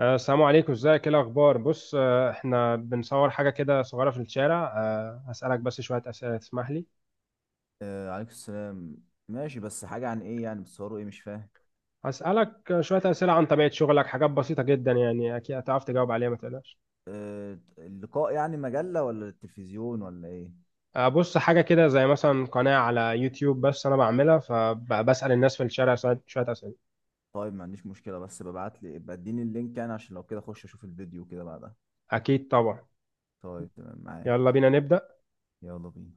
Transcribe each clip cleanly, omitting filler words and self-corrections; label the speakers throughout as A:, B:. A: السلام عليكم، ازيك، ايه الاخبار؟ بص، احنا بنصور حاجه كده صغيره في الشارع. هسالك بس شويه اسئله، تسمح لي؟
B: آه، عليكم السلام. ماشي، بس حاجة عن ايه يعني؟ بتصوروا ايه؟ مش فاهم.
A: هسالك شويه اسئله عن طبيعه شغلك، حاجات بسيطه جدا يعني اكيد هتعرف تجاوب عليها، ما تقلقش.
B: آه، اللقاء يعني مجلة ولا التلفزيون ولا ايه؟
A: بص، حاجه كده زي مثلا قناه على يوتيوب بس انا بعملها، فبسال الناس في الشارع شوية اسئله.
B: طيب، ما عنديش مشكلة، بس ببعت لي ابقى اديني اللينك يعني، عشان لو كده اخش اشوف الفيديو كده بعدها.
A: اكيد طبعا.
B: طيب، تمام معاك.
A: يلا بينا نبدا.
B: يلا بينا.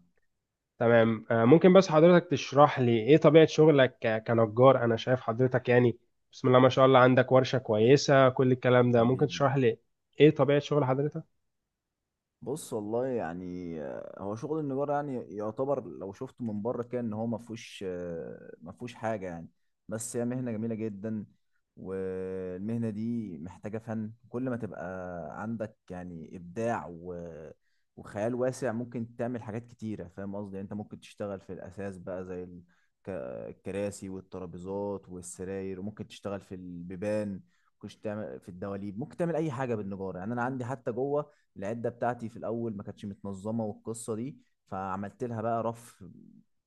A: تمام. ممكن بس حضرتك تشرح لي ايه طبيعة شغلك كنجار؟ انا شايف حضرتك يعني بسم الله ما شاء الله عندك ورشة كويسة، كل الكلام ده. ممكن
B: حبيبي.
A: تشرح لي ايه طبيعة شغل حضرتك؟
B: بص، والله يعني هو شغل النجار يعني يعتبر لو شفته من بره كان ان هو ما فيهوش حاجه يعني. بس هي مهنه جميله جدا. والمهنه دي محتاجه فن، كل ما تبقى عندك يعني ابداع و... وخيال واسع ممكن تعمل حاجات كتيره، فاهم قصدي يعني. انت ممكن تشتغل في الاساس بقى زي ك- الكراسي والترابيزات والسراير، وممكن تشتغل في البيبان، ممكن تعمل في الدواليب، ممكن تعمل اي حاجه بالنجاره يعني. انا عندي حتى جوه العده بتاعتي في الاول ما كانتش متنظمه، والقصه دي فعملت لها بقى رف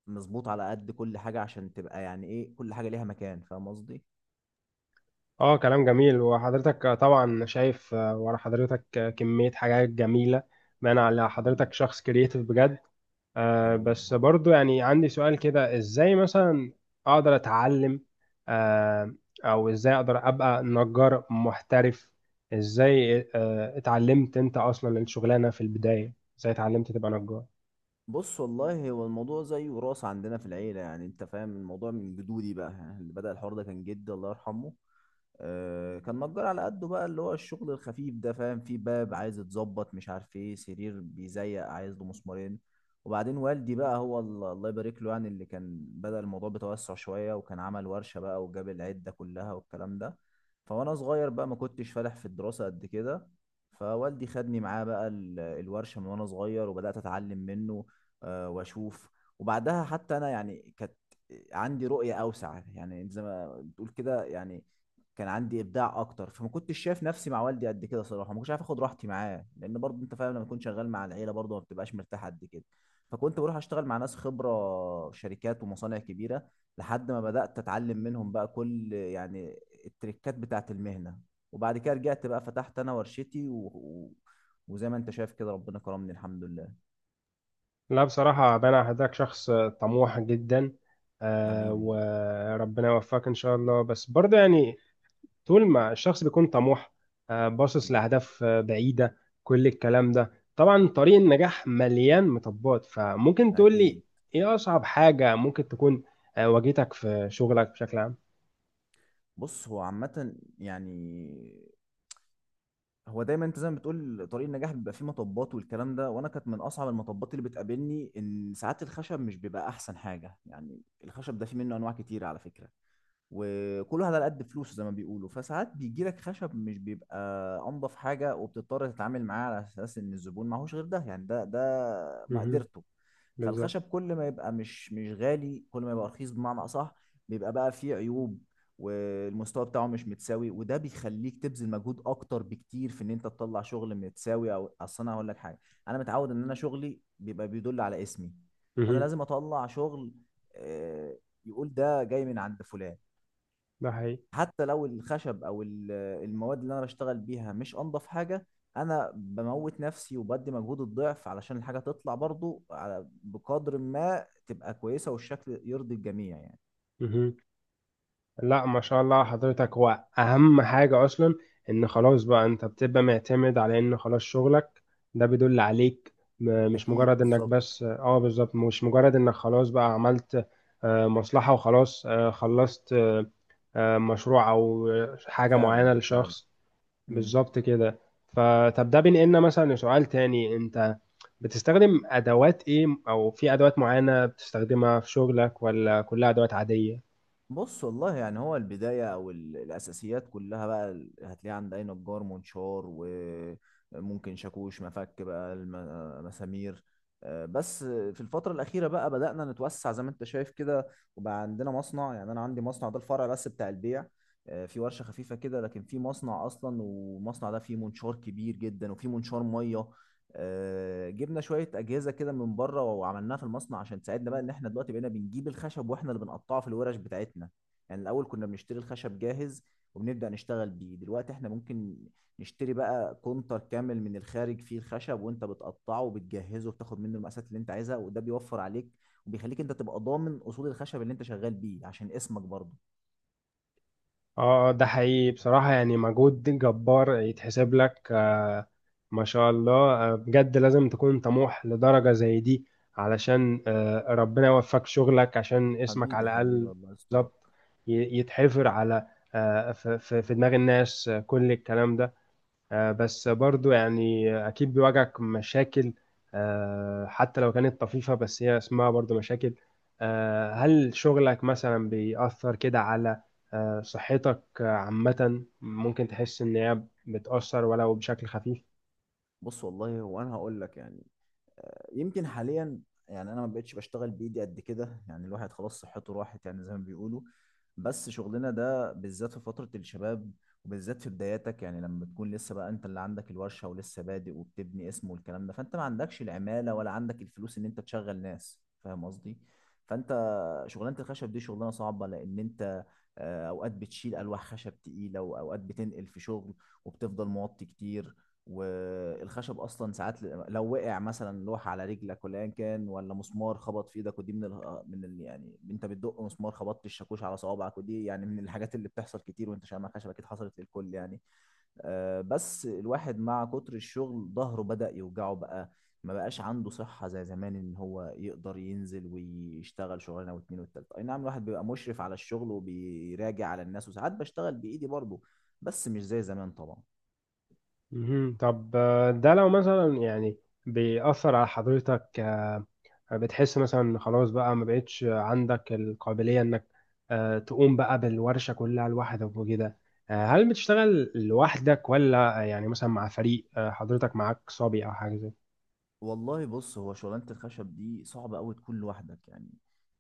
B: مظبوط على قد كل حاجه، عشان تبقى يعني ايه كل حاجه ليها مكان، فاهم قصدي.
A: اه، كلام جميل. وحضرتك طبعا شايف ورا حضرتك كمية حاجات جميلة، بان على حضرتك
B: حبيبي.
A: شخص كرييتيف بجد.
B: حبيبي.
A: بس
B: حبيبي.
A: برضو يعني عندي سؤال كده، ازاي مثلا اقدر اتعلم آه او ازاي اقدر ابقى نجار محترف؟ ازاي اتعلمت انت اصلا الشغلانة في البداية؟ ازاي اتعلمت تبقى نجار؟
B: بص، والله هو الموضوع زي وراثه عندنا في العيله، يعني انت فاهم الموضوع من جدودي بقى، يعني اللي بدأ الحوار ده كان جدي الله يرحمه. كان نجار على قده بقى، اللي هو الشغل الخفيف ده فاهم، في باب عايز يتظبط، مش عارف ايه سرير بيزيق عايز له مسمارين. وبعدين والدي بقى هو الله يبارك له، يعني اللي كان بدأ الموضوع بتوسع شوية، وكان عمل ورشة بقى وجاب العدة كلها والكلام ده. فوانا صغير بقى ما كنتش فالح في الدراسة قد كده، فوالدي خدني معاه بقى الورشة من وانا صغير، وبدأت اتعلم منه. واشوف. وبعدها حتى انا يعني كانت عندي رؤية اوسع، يعني زي ما بتقول كده، يعني كان عندي ابداع اكتر، فما كنتش شايف نفسي مع والدي قد كده صراحه، ما كنتش عارف اخد راحتي معاه، لان برضه انت فاهم لما تكون شغال مع العيله برضه ما بتبقاش مرتاح قد كده. فكنت بروح اشتغل مع ناس خبره، شركات ومصانع كبيره، لحد ما بدات اتعلم منهم بقى كل يعني التريكات بتاعه المهنه. وبعد كده رجعت بقى، فتحت انا ورشتي وزي ما انت شايف كده ربنا كرمني الحمد لله.
A: لا بصراحة بنا حضرتك شخص طموح جدا،
B: حبيبي.
A: وربنا يوفقك ان شاء الله. بس برضو يعني طول ما الشخص بيكون طموح، باصص
B: مم.
A: لأهداف بعيدة، كل الكلام ده، طبعا طريق النجاح مليان مطبات. فممكن تقول
B: اكيد.
A: لي ايه أصعب حاجة ممكن تكون واجهتك في شغلك بشكل عام؟
B: بص، هو عامه يعني هو دايما انت زي ما بتقول طريق النجاح بيبقى فيه مطبات والكلام ده. وانا كانت من اصعب المطبات اللي بتقابلني ان ساعات الخشب مش بيبقى احسن حاجه يعني. الخشب ده فيه منه انواع كتير على فكره، وكل واحد على قد فلوسه زي ما بيقولوا. فساعات بيجي لك خشب مش بيبقى انضف حاجه، وبتضطر تتعامل معاه على اساس ان الزبون معهوش غير ده، يعني ده
A: مهم.
B: مقدرته.
A: بالظبط.
B: فالخشب كل ما يبقى مش غالي، كل ما يبقى رخيص بمعنى اصح، بيبقى بقى فيه عيوب، والمستوى بتاعه مش متساوي. وده بيخليك تبذل مجهود اكتر بكتير في ان انت تطلع شغل متساوي. او اصل انا هقول لك حاجه، انا متعود ان انا شغلي بيبقى بيدل على اسمي. فانا
A: مهم.
B: لازم اطلع شغل آه، يقول ده جاي من عند فلان،
A: ده حقيقي.
B: حتى لو الخشب او المواد اللي انا بشتغل بيها مش انضف حاجه. انا بموت نفسي وبدي مجهود الضعف علشان الحاجه تطلع برضو، على بقدر ما تبقى كويسه والشكل يرضي الجميع يعني.
A: مهم. لا ما شاء الله على حضرتك، هو اهم حاجة اصلا ان خلاص بقى انت بتبقى معتمد على ان خلاص شغلك ده بيدل عليك. مش
B: اكيد.
A: مجرد انك
B: بالظبط.
A: بس، اه، بالظبط، مش مجرد انك خلاص بقى عملت مصلحة وخلاص، خلصت مشروع او حاجة
B: فعلا،
A: معينة
B: فعلا.
A: لشخص.
B: مم.
A: بالظبط كده. فطب ده بينقلنا مثلا لسؤال تاني. انت بتستخدم ادوات ايه، او في ادوات معينة بتستخدمها في شغلك ولا كلها ادوات عادية؟
B: بص، والله يعني هو البداية أو الأساسيات كلها بقى هتلاقيها عند أي نجار منشار، وممكن شاكوش، مفك بقى، مسامير. بس في الفترة الأخيرة بقى بدأنا نتوسع زي ما أنت شايف كده، وبقى عندنا مصنع. يعني أنا عندي مصنع، ده الفرع بس بتاع البيع. في ورشة خفيفة كده، لكن في مصنع أصلا. والمصنع ده فيه منشار كبير جدا وفيه منشار مية. جبنا شويه اجهزه كده من بره وعملناها في المصنع عشان تساعدنا بقى، ان احنا دلوقتي بقينا بنجيب الخشب واحنا اللي بنقطعه في الورش بتاعتنا. يعني الاول كنا بنشتري الخشب جاهز وبنبدا نشتغل بيه. دلوقتي احنا ممكن نشتري بقى كونتر كامل من الخارج فيه الخشب، وانت بتقطعه وبتجهزه وبتاخد منه المقاسات اللي انت عايزها، وده بيوفر عليك وبيخليك انت تبقى ضامن اصول الخشب اللي انت شغال بيه، عشان اسمك برضه.
A: اه، ده حقيقي، بصراحة يعني مجهود جبار يتحسب لك، ما شاء الله، بجد لازم تكون طموح لدرجة زي دي علشان ربنا يوفقك شغلك عشان اسمك
B: حبيبي.
A: على
B: حبيبي،
A: الأقل.
B: الله يسترك.
A: بالظبط، يتحفر على في دماغ الناس، كل الكلام ده. بس
B: اكيد.
A: برضو يعني أكيد بيواجهك مشاكل، حتى لو كانت طفيفة بس هي اسمها برضو مشاكل. هل شغلك مثلا بيأثر كده على صحتك عامة؟ ممكن تحس إن هي بتأثر ولو بشكل خفيف؟
B: بص، والله هو، انا هقول لك يعني، يمكن حاليا يعني انا ما بقتش بشتغل بايدي قد كده. يعني الواحد خلاص صحته راحت، يعني زي ما بيقولوا. بس شغلنا ده بالذات في فترة الشباب، وبالذات في بداياتك، يعني لما بتكون لسه بقى انت اللي عندك الورشة ولسه بادئ وبتبني اسم والكلام ده، فانت ما عندكش العمالة ولا عندك الفلوس ان انت تشغل ناس، فاهم قصدي. فانت شغلانة الخشب دي شغلانة صعبة، لان انت اوقات بتشيل الواح خشب تقيله، واوقات بتنقل في شغل، وبتفضل موطي كتير. والخشب اصلا ساعات لو وقع مثلا لوحه على رجلك ولا ايا كان، ولا مسمار خبط في ايدك، ودي من ال... آه، من ال... يعني انت بتدق مسمار خبطت الشاكوش على صوابعك، ودي يعني من الحاجات اللي بتحصل كتير وانت شامع خشب، اكيد حصلت للكل يعني. بس الواحد مع كتر الشغل ظهره بدأ يوجعه بقى، ما بقاش عنده صحة زي زمان ان هو يقدر ينزل ويشتغل شغلانة واتنين والتالتة. اي نعم الواحد بيبقى مشرف على الشغل وبيراجع على الناس، وساعات بشتغل بإيدي برضه، بس مش زي زمان طبعا.
A: مهم. طب ده لو مثلا يعني بيأثر على حضرتك، بتحس مثلا إن خلاص بقى ما بقتش عندك القابلية انك تقوم بقى بالورشة كلها لوحدك وكده؟ هل بتشتغل لوحدك ولا يعني مثلا مع فريق؟ حضرتك معاك صبي او حاجة زي كده؟
B: والله، بص هو شغلانة الخشب دي صعبة قوي تكون لوحدك يعني،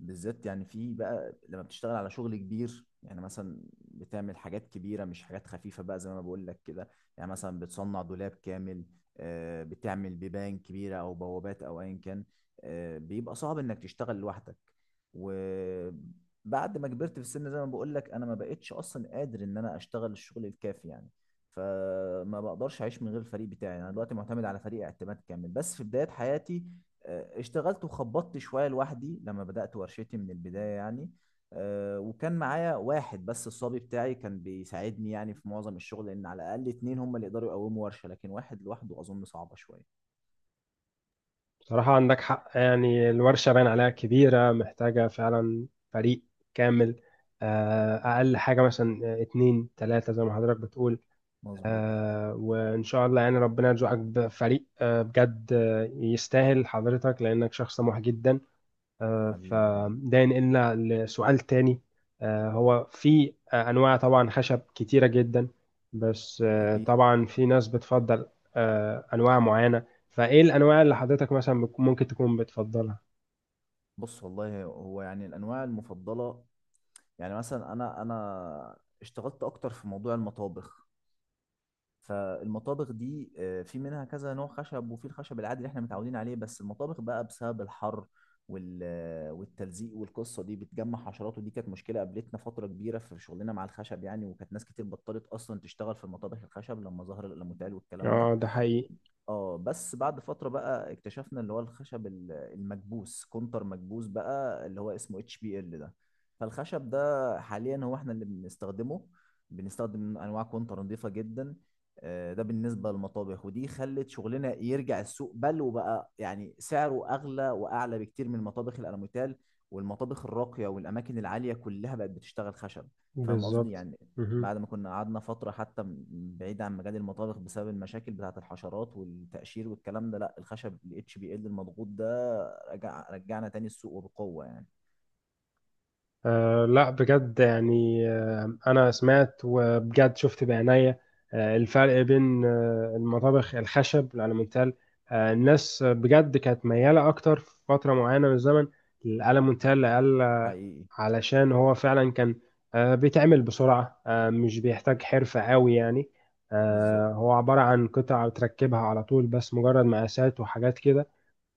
B: بالذات يعني في بقى لما بتشتغل على شغل كبير. يعني مثلا بتعمل حاجات كبيرة، مش حاجات خفيفة بقى زي ما بقول لك كده، يعني مثلا بتصنع دولاب كامل، بتعمل بيبان كبيرة أو بوابات أو أيا كان. بيبقى صعب إنك تشتغل لوحدك. وبعد ما كبرت في السن، زي ما بقول لك، أنا ما بقتش أصلا قادر إن أنا أشتغل الشغل الكافي يعني، فما بقدرش اعيش من غير الفريق بتاعي. انا دلوقتي معتمد على فريق اعتماد كامل، بس في بداية حياتي اشتغلت وخبطت شوية لوحدي لما بدأت ورشتي من البداية يعني. وكان معايا واحد بس الصبي بتاعي، كان بيساعدني يعني في معظم الشغل، لان على الاقل اتنين هم اللي يقدروا يقوموا ورشة، لكن واحد لوحده اظن صعبة شوية.
A: بصراحة عندك حق، يعني الورشة باين عليها كبيرة، محتاجة فعلا فريق كامل، أقل حاجة مثلا اتنين تلاتة زي ما حضرتك بتقول.
B: مظبوط.
A: وإن شاء الله يعني ربنا يرزقك بفريق بجد يستاهل حضرتك، لأنك شخص طموح جدا.
B: حبيبي. حبيبي.
A: فده ينقلنا لسؤال تاني. هو في أنواع طبعا خشب كتيرة جدا، بس
B: اكيد.
A: طبعا في ناس بتفضل أنواع معينة. فإيه الأنواع اللي حضرتك مثلا ممكن تكون بتفضلها؟
B: بص، والله هو يعني الانواع المفضلة، يعني مثلا انا اشتغلت اكتر في موضوع المطابخ. فالمطابخ دي في منها كذا نوع خشب، وفي الخشب العادي اللي احنا متعودين عليه. بس المطابخ بقى بسبب الحر والتلزيق والقصه دي بتجمع حشرات، ودي كانت مشكله قابلتنا فتره كبيره في شغلنا مع الخشب يعني. وكانت ناس كتير بطلت اصلا تشتغل في المطابخ الخشب لما ظهر الالموتال والكلام ده.
A: اه، ده حقيقي.
B: اه، بس بعد فترة بقى اكتشفنا اللي هو الخشب المكبوس، كونتر مكبوس بقى، اللي هو اسمه اتش بي ال ده. فالخشب ده حاليا هو احنا اللي بنستخدمه، بنستخدم انواع كونتر نظيفة جدا. ده بالنسبة للمطابخ. ودي خلت شغلنا يرجع السوق، بل وبقى يعني سعره اغلى واعلى بكتير من مطابخ الالوميتال. والمطابخ الراقية والاماكن العالية كلها بقت بتشتغل خشب، فاهم قصدي
A: بالظبط.
B: يعني.
A: مهم.
B: بعد ما كنا قعدنا فترة حتى بعيد عن مجال المطابخ بسبب المشاكل بتاعة الحشرات والتقشير والكلام ده. لا، الخشب ال HBL المضغوط ده رجعنا تاني السوق، وبقوة يعني.
A: أه، لا بجد، يعني أنا سمعت وبجد شفت بعناية الفرق بين المطابخ الخشب الألمنتال. الناس بجد كانت ميالة أكتر في فترة معينة من الزمن للألمنتال لأقل،
B: حقيقي.
A: علشان هو فعلا كان بيتعمل بسرعة، مش بيحتاج حرفة قوي يعني.
B: بالظبط.
A: هو عبارة عن قطع بتركبها على طول، بس مجرد مقاسات وحاجات كده،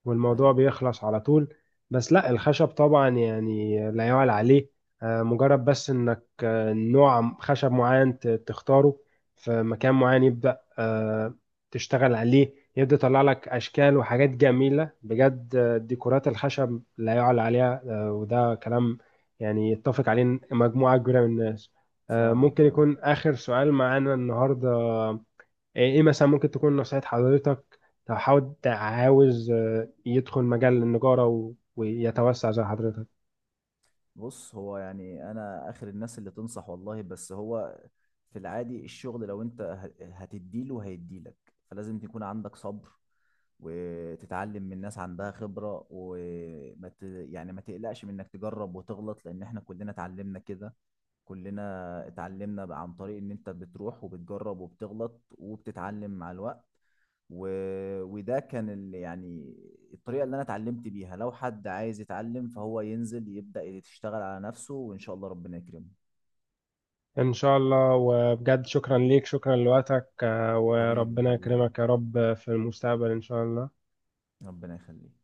A: والموضوع
B: حقيقي.
A: بيخلص على طول. بس لا الخشب طبعا يعني لا يعلى عليه. مجرد بس انك نوع خشب معين تختاره في مكان معين، يبدأ تشتغل عليه، يبدأ يطلع لك اشكال وحاجات جميلة بجد. ديكورات الخشب لا يعلى عليها، وده كلام يعني يتفق عليه مجموعة كبيرة من الناس.
B: فعلا،
A: ممكن
B: فعلا.
A: يكون آخر سؤال معانا النهاردة؟ إيه مثلا ممكن تكون نصيحة حضرتك لو حد عاوز يدخل مجال النجارة ويتوسع زي حضرتك؟
B: بص، هو يعني انا اخر الناس اللي تنصح والله، بس هو في العادي الشغل لو انت هتديله هيديلك، فلازم تكون عندك صبر، وتتعلم من ناس عندها خبرة، يعني ما تقلقش من انك تجرب وتغلط، لان احنا كلنا اتعلمنا كده. كلنا اتعلمنا بقى عن طريق ان انت بتروح وبتجرب وبتغلط وبتتعلم مع الوقت، و... وده كان يعني الطريقة اللي انا اتعلمت بيها. لو حد عايز يتعلم، فهو ينزل يبدأ يشتغل على نفسه وان شاء الله ربنا يكرمه.
A: ان شاء الله. وبجد شكرا ليك، شكرا لوقتك،
B: حبيبي.
A: وربنا
B: حبيبي.
A: يكرمك يا رب في المستقبل ان شاء الله.
B: ربنا يخليك.